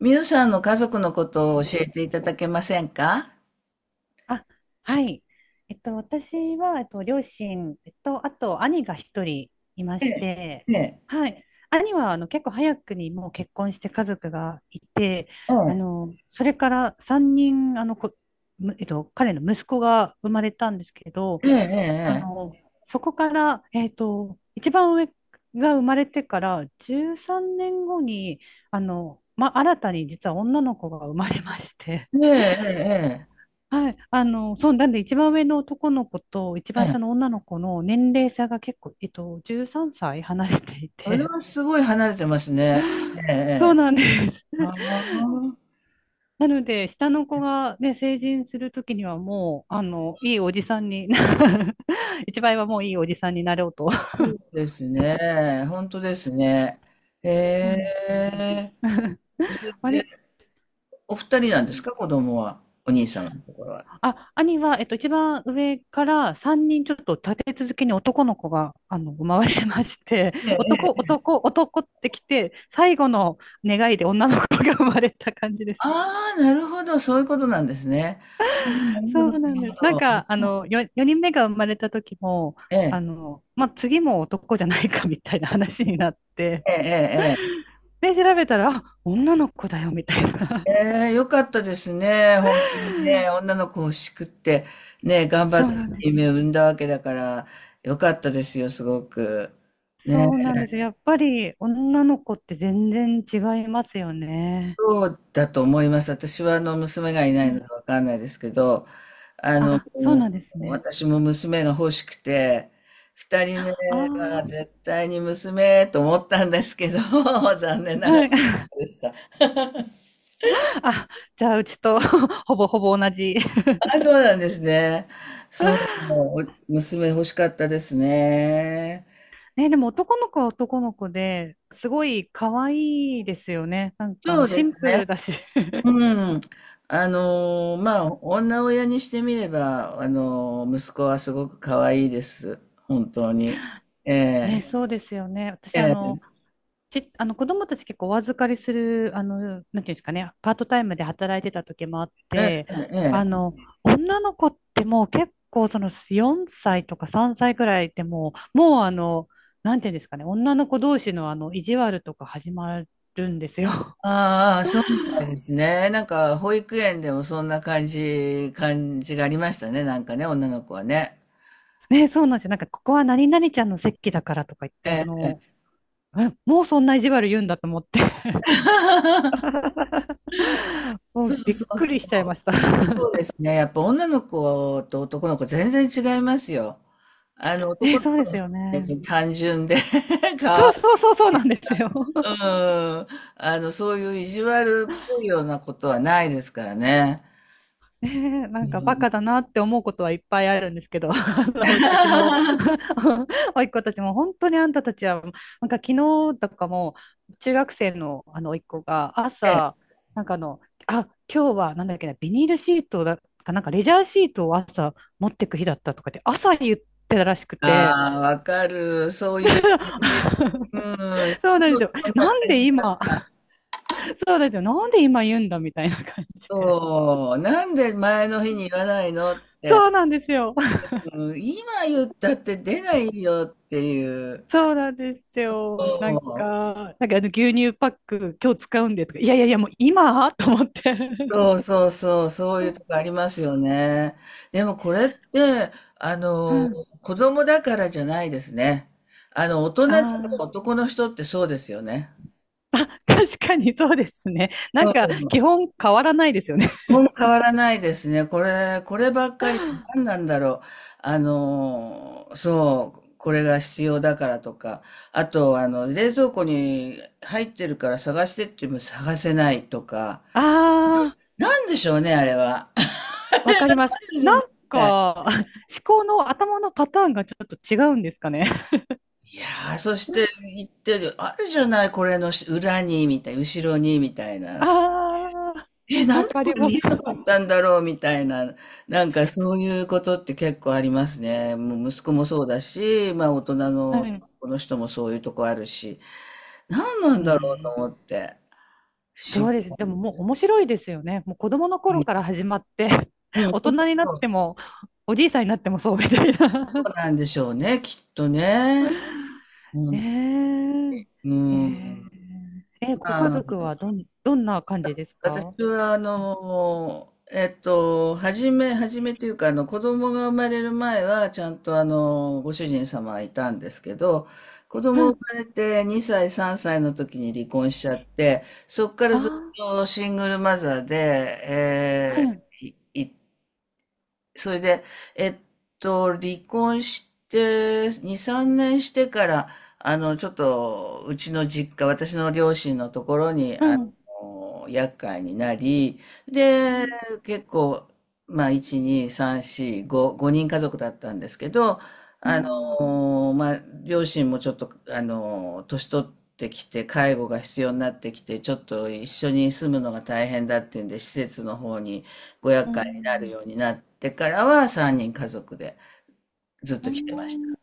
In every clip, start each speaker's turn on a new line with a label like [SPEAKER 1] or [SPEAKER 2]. [SPEAKER 1] みゆさんの家族のことを教えていただけませんか？
[SPEAKER 2] あ、はい。私は、両親、あと、兄が一人いま
[SPEAKER 1] え
[SPEAKER 2] し
[SPEAKER 1] え、
[SPEAKER 2] て、
[SPEAKER 1] ええ、
[SPEAKER 2] はい。兄は、あの、結構早くにもう結婚して家族がいて、
[SPEAKER 1] え
[SPEAKER 2] あ
[SPEAKER 1] え、
[SPEAKER 2] の、それから3人、えっと、彼の息子が生まれたんですけど、
[SPEAKER 1] え
[SPEAKER 2] あ
[SPEAKER 1] え、
[SPEAKER 2] の、そこから、えっと、一番上が生まれてから13年後に、あの、ま、新たに実は女の子が生まれまして、
[SPEAKER 1] ええ、ええ、え
[SPEAKER 2] はい、あの、そう、なんで一番上の男の子と一
[SPEAKER 1] え、
[SPEAKER 2] 番
[SPEAKER 1] え
[SPEAKER 2] 下の
[SPEAKER 1] え。
[SPEAKER 2] 女の子の年齢差が結構、えっと、13歳離れてい
[SPEAKER 1] それ
[SPEAKER 2] て、
[SPEAKER 1] はすごい離れてますね。ええ、え
[SPEAKER 2] そう
[SPEAKER 1] え。
[SPEAKER 2] なんです。
[SPEAKER 1] あ あ、
[SPEAKER 2] なので、下の子がね、成人するときにはもう、あの、いいおじさんに、一番上はもういいおじさんになろうと。
[SPEAKER 1] そうですね。本当ですね。え
[SPEAKER 2] そうなんです。
[SPEAKER 1] え。それ
[SPEAKER 2] 割
[SPEAKER 1] でお二人なんですか、子供は。お兄様のところは。
[SPEAKER 2] あ、兄は、えっと、一番上から3人ちょっと立て続けに男の子が、あの、生まれまして、
[SPEAKER 1] ええ、
[SPEAKER 2] 男、
[SPEAKER 1] ええ。
[SPEAKER 2] 男、男ってきて、最後の願いで女の子が生まれた感じです。
[SPEAKER 1] ああ、なるほど。そういうことなんですね。ああ、なるほど、
[SPEAKER 2] そ
[SPEAKER 1] な
[SPEAKER 2] うなんで
[SPEAKER 1] る
[SPEAKER 2] す。なん
[SPEAKER 1] ほ
[SPEAKER 2] か、
[SPEAKER 1] ど。
[SPEAKER 2] 4人目が生まれた時も、
[SPEAKER 1] え
[SPEAKER 2] あ
[SPEAKER 1] え、
[SPEAKER 2] の、まあ、次も男じゃないかみたいな話になって、
[SPEAKER 1] ええ、ええ、ええ。
[SPEAKER 2] で、調べたら、あ、女の子だよみたいな。
[SPEAKER 1] ええ、良かったですね。本当にね、女の子欲しくって、ね、頑張
[SPEAKER 2] そ
[SPEAKER 1] っ
[SPEAKER 2] うな
[SPEAKER 1] て
[SPEAKER 2] んです。
[SPEAKER 1] 夢を産んだわけだから、良かったですよ、すごく。ね、
[SPEAKER 2] そうなんです。やっぱり女の子って全然違いますよね。
[SPEAKER 1] そうだと思います。私はあの娘がいないのでわかんないですけど、あの、
[SPEAKER 2] あ、そうなんですね。
[SPEAKER 1] 私も娘が欲しくて、二人目
[SPEAKER 2] ああ、
[SPEAKER 1] は絶対に娘と思ったんですけど、残念 ながら
[SPEAKER 2] はい。
[SPEAKER 1] でした。
[SPEAKER 2] あ、じゃあ、うちと ほぼほぼ同じ。
[SPEAKER 1] あ、そうなんですね。そう、娘欲しかったですね。
[SPEAKER 2] ね、でも男の子は男の子ですごい可愛いですよね。なんかあ
[SPEAKER 1] そ
[SPEAKER 2] の
[SPEAKER 1] う
[SPEAKER 2] シ
[SPEAKER 1] です
[SPEAKER 2] ンプ
[SPEAKER 1] ね。
[SPEAKER 2] ルだし。
[SPEAKER 1] うん。あのーまあ、女親にしてみれば、あのー息子はすごく可愛いです。本当に。え
[SPEAKER 2] ね、
[SPEAKER 1] え
[SPEAKER 2] そうですよね。私あ
[SPEAKER 1] ええ
[SPEAKER 2] の、ち、あの、子供たち結構お預かりする、あの、なんていうんですかね、パートタイムで働いてた時もあっ
[SPEAKER 1] え
[SPEAKER 2] て、
[SPEAKER 1] え
[SPEAKER 2] あ
[SPEAKER 1] ええ。
[SPEAKER 2] の、女の子ってもう結構その4歳とか3歳くらいでもう、あの、なんていうんですかね、女の子同士のあの、意地悪とか始まるんですよ。
[SPEAKER 1] ああ、そうみたいですね。なんか、保育園でもそんな感じがありましたね。なんかね、女の子はね。
[SPEAKER 2] ね、そうなんですよ。なんか、ここは何々ちゃんの席だからとか言って、あ
[SPEAKER 1] ええ。
[SPEAKER 2] の、もうそんな意地悪言うんだと思って。 も
[SPEAKER 1] そう
[SPEAKER 2] うびっ
[SPEAKER 1] そう
[SPEAKER 2] く
[SPEAKER 1] そう。
[SPEAKER 2] りしちゃいました。
[SPEAKER 1] そうで すね。やっぱ女の子と男の子全然違いますよ。あの、男
[SPEAKER 2] ね、
[SPEAKER 1] の
[SPEAKER 2] そう
[SPEAKER 1] 子
[SPEAKER 2] で
[SPEAKER 1] の
[SPEAKER 2] す
[SPEAKER 1] 方
[SPEAKER 2] よ
[SPEAKER 1] が
[SPEAKER 2] ね。
[SPEAKER 1] ね単純で。
[SPEAKER 2] そうなんですよ。
[SPEAKER 1] うん、あの、そういう意地悪っぽいようなことはないですからね。
[SPEAKER 2] な
[SPEAKER 1] う
[SPEAKER 2] んかバ
[SPEAKER 1] ん。
[SPEAKER 2] カだなって思うことはいっぱいあるんですけど、あの、うちの 甥っ子たちも本当にあんたたちは、なんか昨日とかも中学生のあの甥っ子が朝、なんかあの、あ、今日はなんだっけな、ビニールシートだかなんかレジャーシートを朝持ってく日だったとかって朝言ってたらしくて、
[SPEAKER 1] ああ、わかる。そういう感じ。うん。い
[SPEAKER 2] そう
[SPEAKER 1] つ
[SPEAKER 2] なん
[SPEAKER 1] も
[SPEAKER 2] ですよ。
[SPEAKER 1] そんな
[SPEAKER 2] なん
[SPEAKER 1] 感じ。
[SPEAKER 2] で今、そうなんですよ。なんで今言うんだみたいな感じで。
[SPEAKER 1] そう。なんで前の日に言わないのって。
[SPEAKER 2] そうなんですよ。
[SPEAKER 1] うん、今言ったって出ないよっていう。
[SPEAKER 2] そうなんですよ。
[SPEAKER 1] そう。
[SPEAKER 2] なんかあの牛乳パック今日使うんでとか、いやいやいや、もう今と思って。
[SPEAKER 1] そ うそうそう、そういう
[SPEAKER 2] う
[SPEAKER 1] とこありますよね。でもこれって、あの、
[SPEAKER 2] ん。
[SPEAKER 1] 子供だからじゃないですね。あの、大人でも
[SPEAKER 2] ああ、
[SPEAKER 1] 男の人ってそうですよね。
[SPEAKER 2] 確かにそうですね。な
[SPEAKER 1] う
[SPEAKER 2] んか
[SPEAKER 1] ん。
[SPEAKER 2] 基本変わらないですよね。
[SPEAKER 1] ほん変わらないですね。こればっかり、何 なんだろう。あの、そう、これが必要だからとか、あと、あの、冷蔵庫に入ってるから探してっても探せないとか、
[SPEAKER 2] ああ、
[SPEAKER 1] なんでしょうね、あれは。
[SPEAKER 2] わかりま
[SPEAKER 1] なん
[SPEAKER 2] す。
[SPEAKER 1] でしょ
[SPEAKER 2] な
[SPEAKER 1] う
[SPEAKER 2] ん
[SPEAKER 1] ね。
[SPEAKER 2] か、思考の頭のパターンがちょっと違うんですかね。
[SPEAKER 1] いやー、そして言ってる、あるじゃない、これのし裏に、みたい、後ろに、みたいな。
[SPEAKER 2] ああ、
[SPEAKER 1] え、な
[SPEAKER 2] わ
[SPEAKER 1] んで
[SPEAKER 2] か
[SPEAKER 1] こ
[SPEAKER 2] り
[SPEAKER 1] れ
[SPEAKER 2] ま
[SPEAKER 1] 見
[SPEAKER 2] す。
[SPEAKER 1] えなかったんだろう、みたいな。なんかそういうことって結構ありますね。もう息子もそうだし、まあ大人
[SPEAKER 2] は
[SPEAKER 1] の
[SPEAKER 2] い。
[SPEAKER 1] この人もそういうとこあるし、何なん
[SPEAKER 2] う
[SPEAKER 1] だろうと
[SPEAKER 2] ん、
[SPEAKER 1] 思って。不思
[SPEAKER 2] そうで
[SPEAKER 1] 議。
[SPEAKER 2] す。でももう面白いですよね。もう子供の頃から始まって
[SPEAKER 1] うん、
[SPEAKER 2] 大
[SPEAKER 1] そう
[SPEAKER 2] 人になっ
[SPEAKER 1] そう
[SPEAKER 2] ても、おじいさんになってもそうみたい
[SPEAKER 1] そ
[SPEAKER 2] な。
[SPEAKER 1] うなんでしょうね、きっとね。うん、
[SPEAKER 2] ね
[SPEAKER 1] う
[SPEAKER 2] え。
[SPEAKER 1] ん。
[SPEAKER 2] ええ、ご家
[SPEAKER 1] まあ
[SPEAKER 2] 族はどんな感じです
[SPEAKER 1] 私
[SPEAKER 2] か？
[SPEAKER 1] は、あの、初めというか、あの、子供が生まれる前は、ちゃんと、あの、ご主人様はいたんですけど、子
[SPEAKER 2] は
[SPEAKER 1] 供生
[SPEAKER 2] い。
[SPEAKER 1] まれて2歳、3歳の時に離婚しちゃって、そこからずっ
[SPEAKER 2] あ
[SPEAKER 1] とシングルマザーで、
[SPEAKER 2] あ、は
[SPEAKER 1] え
[SPEAKER 2] い。
[SPEAKER 1] ー、いいそれで、えっ離婚して、2、3年してから、あの、ちょっと、うちの実家、私の両親のところに、
[SPEAKER 2] う
[SPEAKER 1] あ
[SPEAKER 2] ん。
[SPEAKER 1] の、厄介になり、
[SPEAKER 2] う
[SPEAKER 1] で、
[SPEAKER 2] ん。
[SPEAKER 1] 結構、まあ、1、2、3、4、5、5人家族だったんですけど、
[SPEAKER 2] う
[SPEAKER 1] あ
[SPEAKER 2] ん。
[SPEAKER 1] の、まあ、両親もちょっと、あの、年取ってきて、介護が必要になってきて、ちょっと一緒に住むのが大変だっていうんで、施設の方にご
[SPEAKER 2] う
[SPEAKER 1] 厄介なる
[SPEAKER 2] ん。
[SPEAKER 1] ようになってからは3人家族でずっ
[SPEAKER 2] う
[SPEAKER 1] と来てました。
[SPEAKER 2] ん、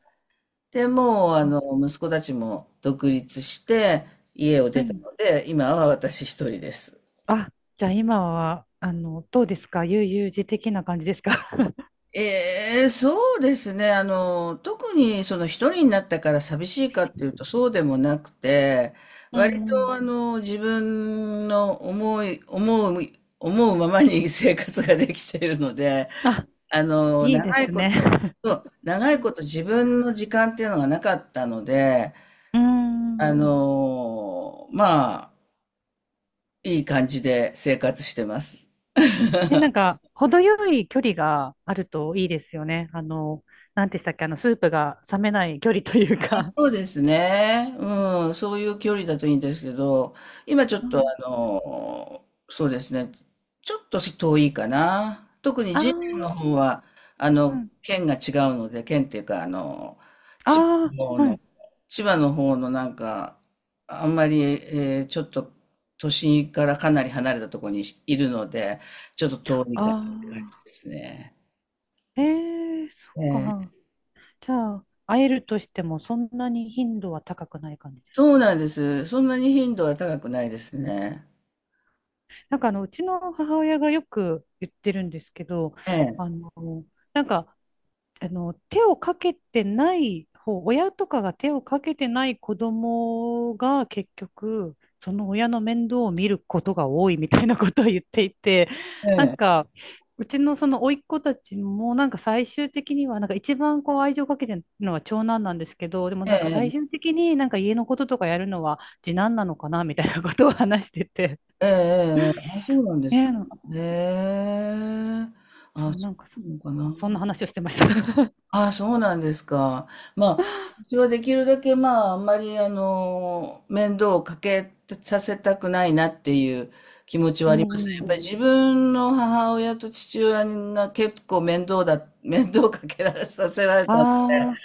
[SPEAKER 1] で、もうあ
[SPEAKER 2] あ、
[SPEAKER 1] の息子たちも独立して家を
[SPEAKER 2] は
[SPEAKER 1] 出た
[SPEAKER 2] い。
[SPEAKER 1] ので、今は私一人です。
[SPEAKER 2] あ、じゃあ今は、あの、どうですか、悠々自適な感じですか？
[SPEAKER 1] ええ、そうですね。あの、特にその一人になったから寂しいかっていうとそうでもなくて、
[SPEAKER 2] う
[SPEAKER 1] 割
[SPEAKER 2] んう
[SPEAKER 1] と
[SPEAKER 2] ん。
[SPEAKER 1] あの自分の思うままに生活ができているので、
[SPEAKER 2] あ、
[SPEAKER 1] あの、
[SPEAKER 2] いいで
[SPEAKER 1] 長い
[SPEAKER 2] す
[SPEAKER 1] こ
[SPEAKER 2] ね。
[SPEAKER 1] と、そう、長
[SPEAKER 2] う
[SPEAKER 1] い
[SPEAKER 2] ん。
[SPEAKER 1] こと自分の時間っていうのがなかったので、
[SPEAKER 2] う
[SPEAKER 1] あ
[SPEAKER 2] ん、
[SPEAKER 1] の、まあ、いい感じで生活してます。
[SPEAKER 2] え、なんか、程よい距離があるといいですよね。あの、なんてしたっけ、あの、スープが冷めない距離という
[SPEAKER 1] あ、
[SPEAKER 2] か。
[SPEAKER 1] そうですね。うん、そういう距離だといいんですけど、今ちょっ
[SPEAKER 2] う
[SPEAKER 1] とあ
[SPEAKER 2] ん、
[SPEAKER 1] の、そうですね、ちょっと遠いかな。特に
[SPEAKER 2] あ
[SPEAKER 1] 次男の
[SPEAKER 2] あ、
[SPEAKER 1] 方は、あ
[SPEAKER 2] う
[SPEAKER 1] の、
[SPEAKER 2] ん。
[SPEAKER 1] 県が違うので、県っていうか、あの、
[SPEAKER 2] ああ、はい。
[SPEAKER 1] 千葉の方のなんか、あんまり、えーちょっと都心からかなり離れたところにいるので、ちょっと遠い
[SPEAKER 2] あ
[SPEAKER 1] かなって感じで
[SPEAKER 2] あ、
[SPEAKER 1] すね。
[SPEAKER 2] ええー、そっ
[SPEAKER 1] ええ、
[SPEAKER 2] か。じゃあ、会えるとしても、そんなに頻度は高くない感じで
[SPEAKER 1] そ
[SPEAKER 2] すか？
[SPEAKER 1] うなんです。そんなに頻度は高くないですね。
[SPEAKER 2] なんか、あの、うちの母親がよく言ってるんですけど、
[SPEAKER 1] ええ、
[SPEAKER 2] あの、なんか、あの、手をかけてない方、親とかが手をかけてない子供が結局、その親の面倒を見ることが多いみたいなことを言っていて、
[SPEAKER 1] え
[SPEAKER 2] なん
[SPEAKER 1] え、
[SPEAKER 2] か、うちのその甥っ子たちもなんか最終的にはなんか一番こう愛情かけてるのは長男なんですけど、でも
[SPEAKER 1] え
[SPEAKER 2] なんか最
[SPEAKER 1] え、
[SPEAKER 2] 終的になんか家のこととかやるのは次男なのかなみたいなことを話してて。
[SPEAKER 1] ええ、ええ、あ、そうなんで
[SPEAKER 2] ね
[SPEAKER 1] すか。ね
[SPEAKER 2] え、
[SPEAKER 1] え、
[SPEAKER 2] そ
[SPEAKER 1] あ、
[SPEAKER 2] う、
[SPEAKER 1] そうなのかな。
[SPEAKER 2] そんな話をしてました。
[SPEAKER 1] あ、あそうなんですか。まあ、私はできるだけ、まあ、あんまり、あの、面倒をかけさせたくないなっていう気持ち
[SPEAKER 2] う
[SPEAKER 1] はありま
[SPEAKER 2] ん
[SPEAKER 1] す。
[SPEAKER 2] う
[SPEAKER 1] やっぱり
[SPEAKER 2] ん。
[SPEAKER 1] 自分の母親と父親が結構面倒だ、面倒をかけられさせられ
[SPEAKER 2] あ
[SPEAKER 1] た。
[SPEAKER 2] あ、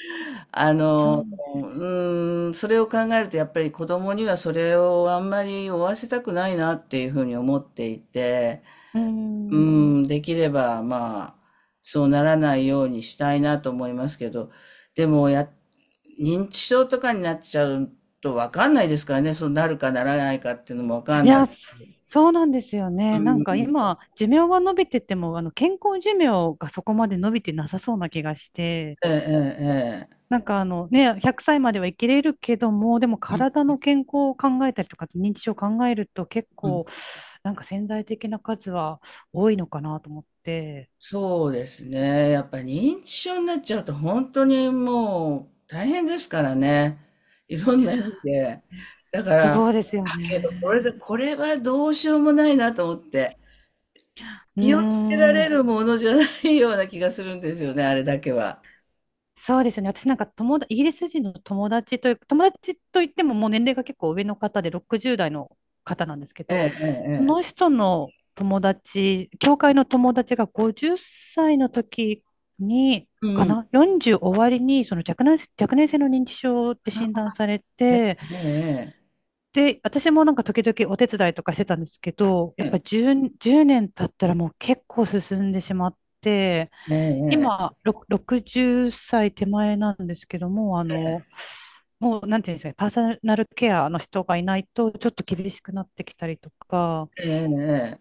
[SPEAKER 1] あ
[SPEAKER 2] そ
[SPEAKER 1] の、
[SPEAKER 2] う。
[SPEAKER 1] うーん、それを考えると、やっぱり子供にはそれをあんまり負わせたくないなっていうふうに思っていて、
[SPEAKER 2] うー
[SPEAKER 1] う
[SPEAKER 2] ん。
[SPEAKER 1] ん、できれば、まあ、そうならないようにしたいなと思いますけど、でも、認知症とかになっちゃうとわかんないですからね、そうなるかならないかっていうのもわか
[SPEAKER 2] い
[SPEAKER 1] んない。
[SPEAKER 2] や、そそうなんですよ
[SPEAKER 1] う
[SPEAKER 2] ね。なんか
[SPEAKER 1] ん、
[SPEAKER 2] 今、寿命は伸びてても、あの、健康寿命がそこまで伸びてなさそうな気がして、
[SPEAKER 1] ええ、ええ、
[SPEAKER 2] なんかあの、ね、100歳までは生きれるけども、でも
[SPEAKER 1] ええ
[SPEAKER 2] 体の健康を考えたりとか、認知症を考えると結
[SPEAKER 1] うん、
[SPEAKER 2] 構、なんか潜在的な数は多いのかなと思って。
[SPEAKER 1] そうですね。やっぱ認知症になっちゃうと本当にもう大変ですからね。いろんな意味で。だから、だ
[SPEAKER 2] そうですよ
[SPEAKER 1] けど
[SPEAKER 2] ね。
[SPEAKER 1] これはどうしようもないなと思って。
[SPEAKER 2] うー
[SPEAKER 1] 気をつけられ
[SPEAKER 2] ん。
[SPEAKER 1] るものじゃないような気がするんですよね、あれだけは。
[SPEAKER 2] そうですね。私なんか友達、イギリス人の友達という、友達といってももう年齢が結構上の方で60代の方なんですけ
[SPEAKER 1] ええ
[SPEAKER 2] ど、
[SPEAKER 1] ええ
[SPEAKER 2] そ
[SPEAKER 1] え
[SPEAKER 2] の
[SPEAKER 1] え。
[SPEAKER 2] 人の友達、教会の友達が50歳の時に、
[SPEAKER 1] う
[SPEAKER 2] か
[SPEAKER 1] ん。
[SPEAKER 2] な？ 40 終わりに、その若年性の認知症って診
[SPEAKER 1] あ、
[SPEAKER 2] 断されて、
[SPEAKER 1] えええ
[SPEAKER 2] で、私もなんか時々お手伝いとかしてたんですけど、やっぱり10、年経ったらもう結構進んでしまって、
[SPEAKER 1] えええ。ええええ。
[SPEAKER 2] 今、60歳手前なんですけども、あの、もう、なんていうんですかね、パーソナルケアの人がいないと、ちょっと厳しくなってきたりとか、
[SPEAKER 1] えええ、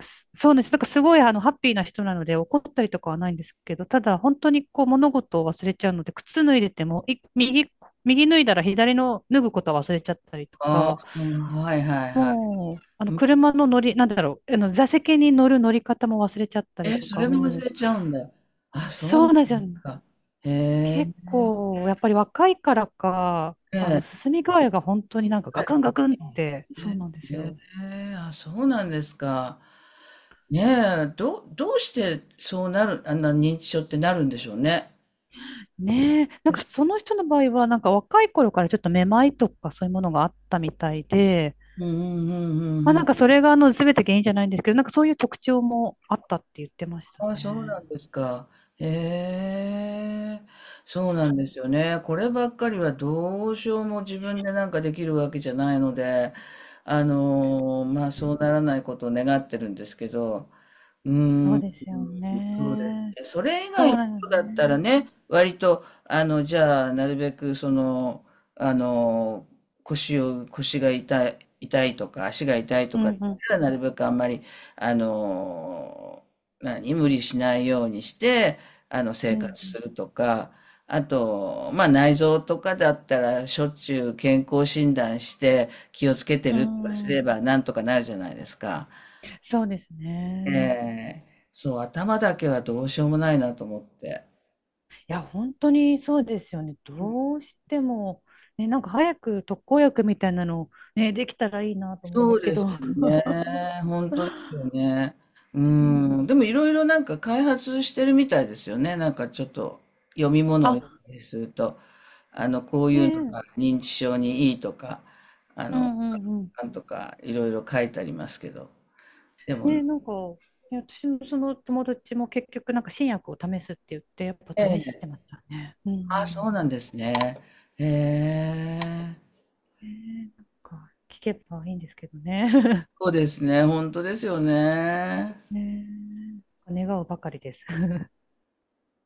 [SPEAKER 2] そうです。なんかすごい、あの、ハッピーな人なので、怒ったりとかはないんですけど、ただ、本当にこう、物事を忘れちゃうので、靴脱いでても、右、右脱いだら左の脱ぐことは忘れちゃったりと
[SPEAKER 1] あ
[SPEAKER 2] か、
[SPEAKER 1] あ、はいはいはい。
[SPEAKER 2] もう、あの、
[SPEAKER 1] うん。
[SPEAKER 2] 車の乗り、なんだろう、あの、座席に乗る乗り方も忘れちゃったり
[SPEAKER 1] え、
[SPEAKER 2] と
[SPEAKER 1] そ
[SPEAKER 2] か、
[SPEAKER 1] れも
[SPEAKER 2] も
[SPEAKER 1] 忘
[SPEAKER 2] う、
[SPEAKER 1] れちゃうんだ。あ、そう
[SPEAKER 2] そ
[SPEAKER 1] な
[SPEAKER 2] うなんです
[SPEAKER 1] ん
[SPEAKER 2] よ。
[SPEAKER 1] ですか。へえ。
[SPEAKER 2] 結構、やっぱり若いからか、
[SPEAKER 1] え
[SPEAKER 2] あの、
[SPEAKER 1] え、
[SPEAKER 2] 進み具合が本当になんかガクンガクンって、
[SPEAKER 1] え
[SPEAKER 2] そう
[SPEAKER 1] え、
[SPEAKER 2] なんです
[SPEAKER 1] え
[SPEAKER 2] よ。
[SPEAKER 1] え、あ、そうなんですか。ねえ、どうしてそうなるあんな認知症ってなるんでしょうね。
[SPEAKER 2] ねえ、なんかその人の場合は、なんか若い頃からちょっとめまいとかそういうものがあったみたいで、
[SPEAKER 1] うんうんうんう
[SPEAKER 2] まあ
[SPEAKER 1] んう
[SPEAKER 2] な
[SPEAKER 1] ん。
[SPEAKER 2] んかそれがあの全て原因じゃないんですけど、なんかそういう特徴もあったって言ってました
[SPEAKER 1] あ、そう
[SPEAKER 2] ね。
[SPEAKER 1] なんですか。へえ、そうなんで
[SPEAKER 2] そ
[SPEAKER 1] すよね。こればっかりはどうしようも自分でなんかできるわけじゃないので、あのーまあそう
[SPEAKER 2] う
[SPEAKER 1] ならないことを願ってるんですけど、う
[SPEAKER 2] そ
[SPEAKER 1] ー
[SPEAKER 2] う
[SPEAKER 1] ん、
[SPEAKER 2] ですよ
[SPEAKER 1] そうです
[SPEAKER 2] ね。
[SPEAKER 1] ね。それ以
[SPEAKER 2] そ
[SPEAKER 1] 外の
[SPEAKER 2] う
[SPEAKER 1] こ
[SPEAKER 2] なの
[SPEAKER 1] とだったら
[SPEAKER 2] ね。
[SPEAKER 1] ね、割と、あの、じゃあ、なるべく、その、あの、腰が痛い、痛いとか、足が痛いと
[SPEAKER 2] う
[SPEAKER 1] かだっ
[SPEAKER 2] んう
[SPEAKER 1] たら、
[SPEAKER 2] ん。
[SPEAKER 1] なるべくあんまり、あの、無理しないようにして、あの、
[SPEAKER 2] う
[SPEAKER 1] 生活
[SPEAKER 2] ん
[SPEAKER 1] するとか、あと、まあ、内臓とかだったら、しょっちゅう健康診断して、気をつけて
[SPEAKER 2] う
[SPEAKER 1] るとか
[SPEAKER 2] ん。
[SPEAKER 1] す
[SPEAKER 2] う
[SPEAKER 1] れ
[SPEAKER 2] ん。
[SPEAKER 1] ば、なんとかなるじゃないですか。
[SPEAKER 2] そうです
[SPEAKER 1] え
[SPEAKER 2] ね。
[SPEAKER 1] え、そう、頭だけはどうしようもないなと思って。
[SPEAKER 2] いや、本当にそうですよね。どうしても、ね、なんか早く特効薬みたいなの、ね、できたらいいなと思うん
[SPEAKER 1] そ
[SPEAKER 2] で
[SPEAKER 1] う
[SPEAKER 2] すけ
[SPEAKER 1] です
[SPEAKER 2] ど。
[SPEAKER 1] ね。本当ですよ ね。うん。でもいろいろなんか開発してるみたいですよね。なんかちょっと読み物を
[SPEAKER 2] あ、
[SPEAKER 1] 読んだりすると、あの、こうい
[SPEAKER 2] ね
[SPEAKER 1] うのが
[SPEAKER 2] え、
[SPEAKER 1] 認知症にいいとか、あ
[SPEAKER 2] う
[SPEAKER 1] の、
[SPEAKER 2] んうんうん。
[SPEAKER 1] なんとかいろいろ書いてありますけど。で
[SPEAKER 2] ね
[SPEAKER 1] も、
[SPEAKER 2] え、なんか、ね、私もその友達も結局、なんか新薬を試すって言って、やっ
[SPEAKER 1] え
[SPEAKER 2] ぱ試して
[SPEAKER 1] え、
[SPEAKER 2] ましたね。うんう
[SPEAKER 1] ああ、
[SPEAKER 2] ん。
[SPEAKER 1] そうなんですね。ええ、
[SPEAKER 2] ねえ、なんか、聞けばいいんですけどね。
[SPEAKER 1] そうですね。本当ですよね。
[SPEAKER 2] ねえ、願うばかりです。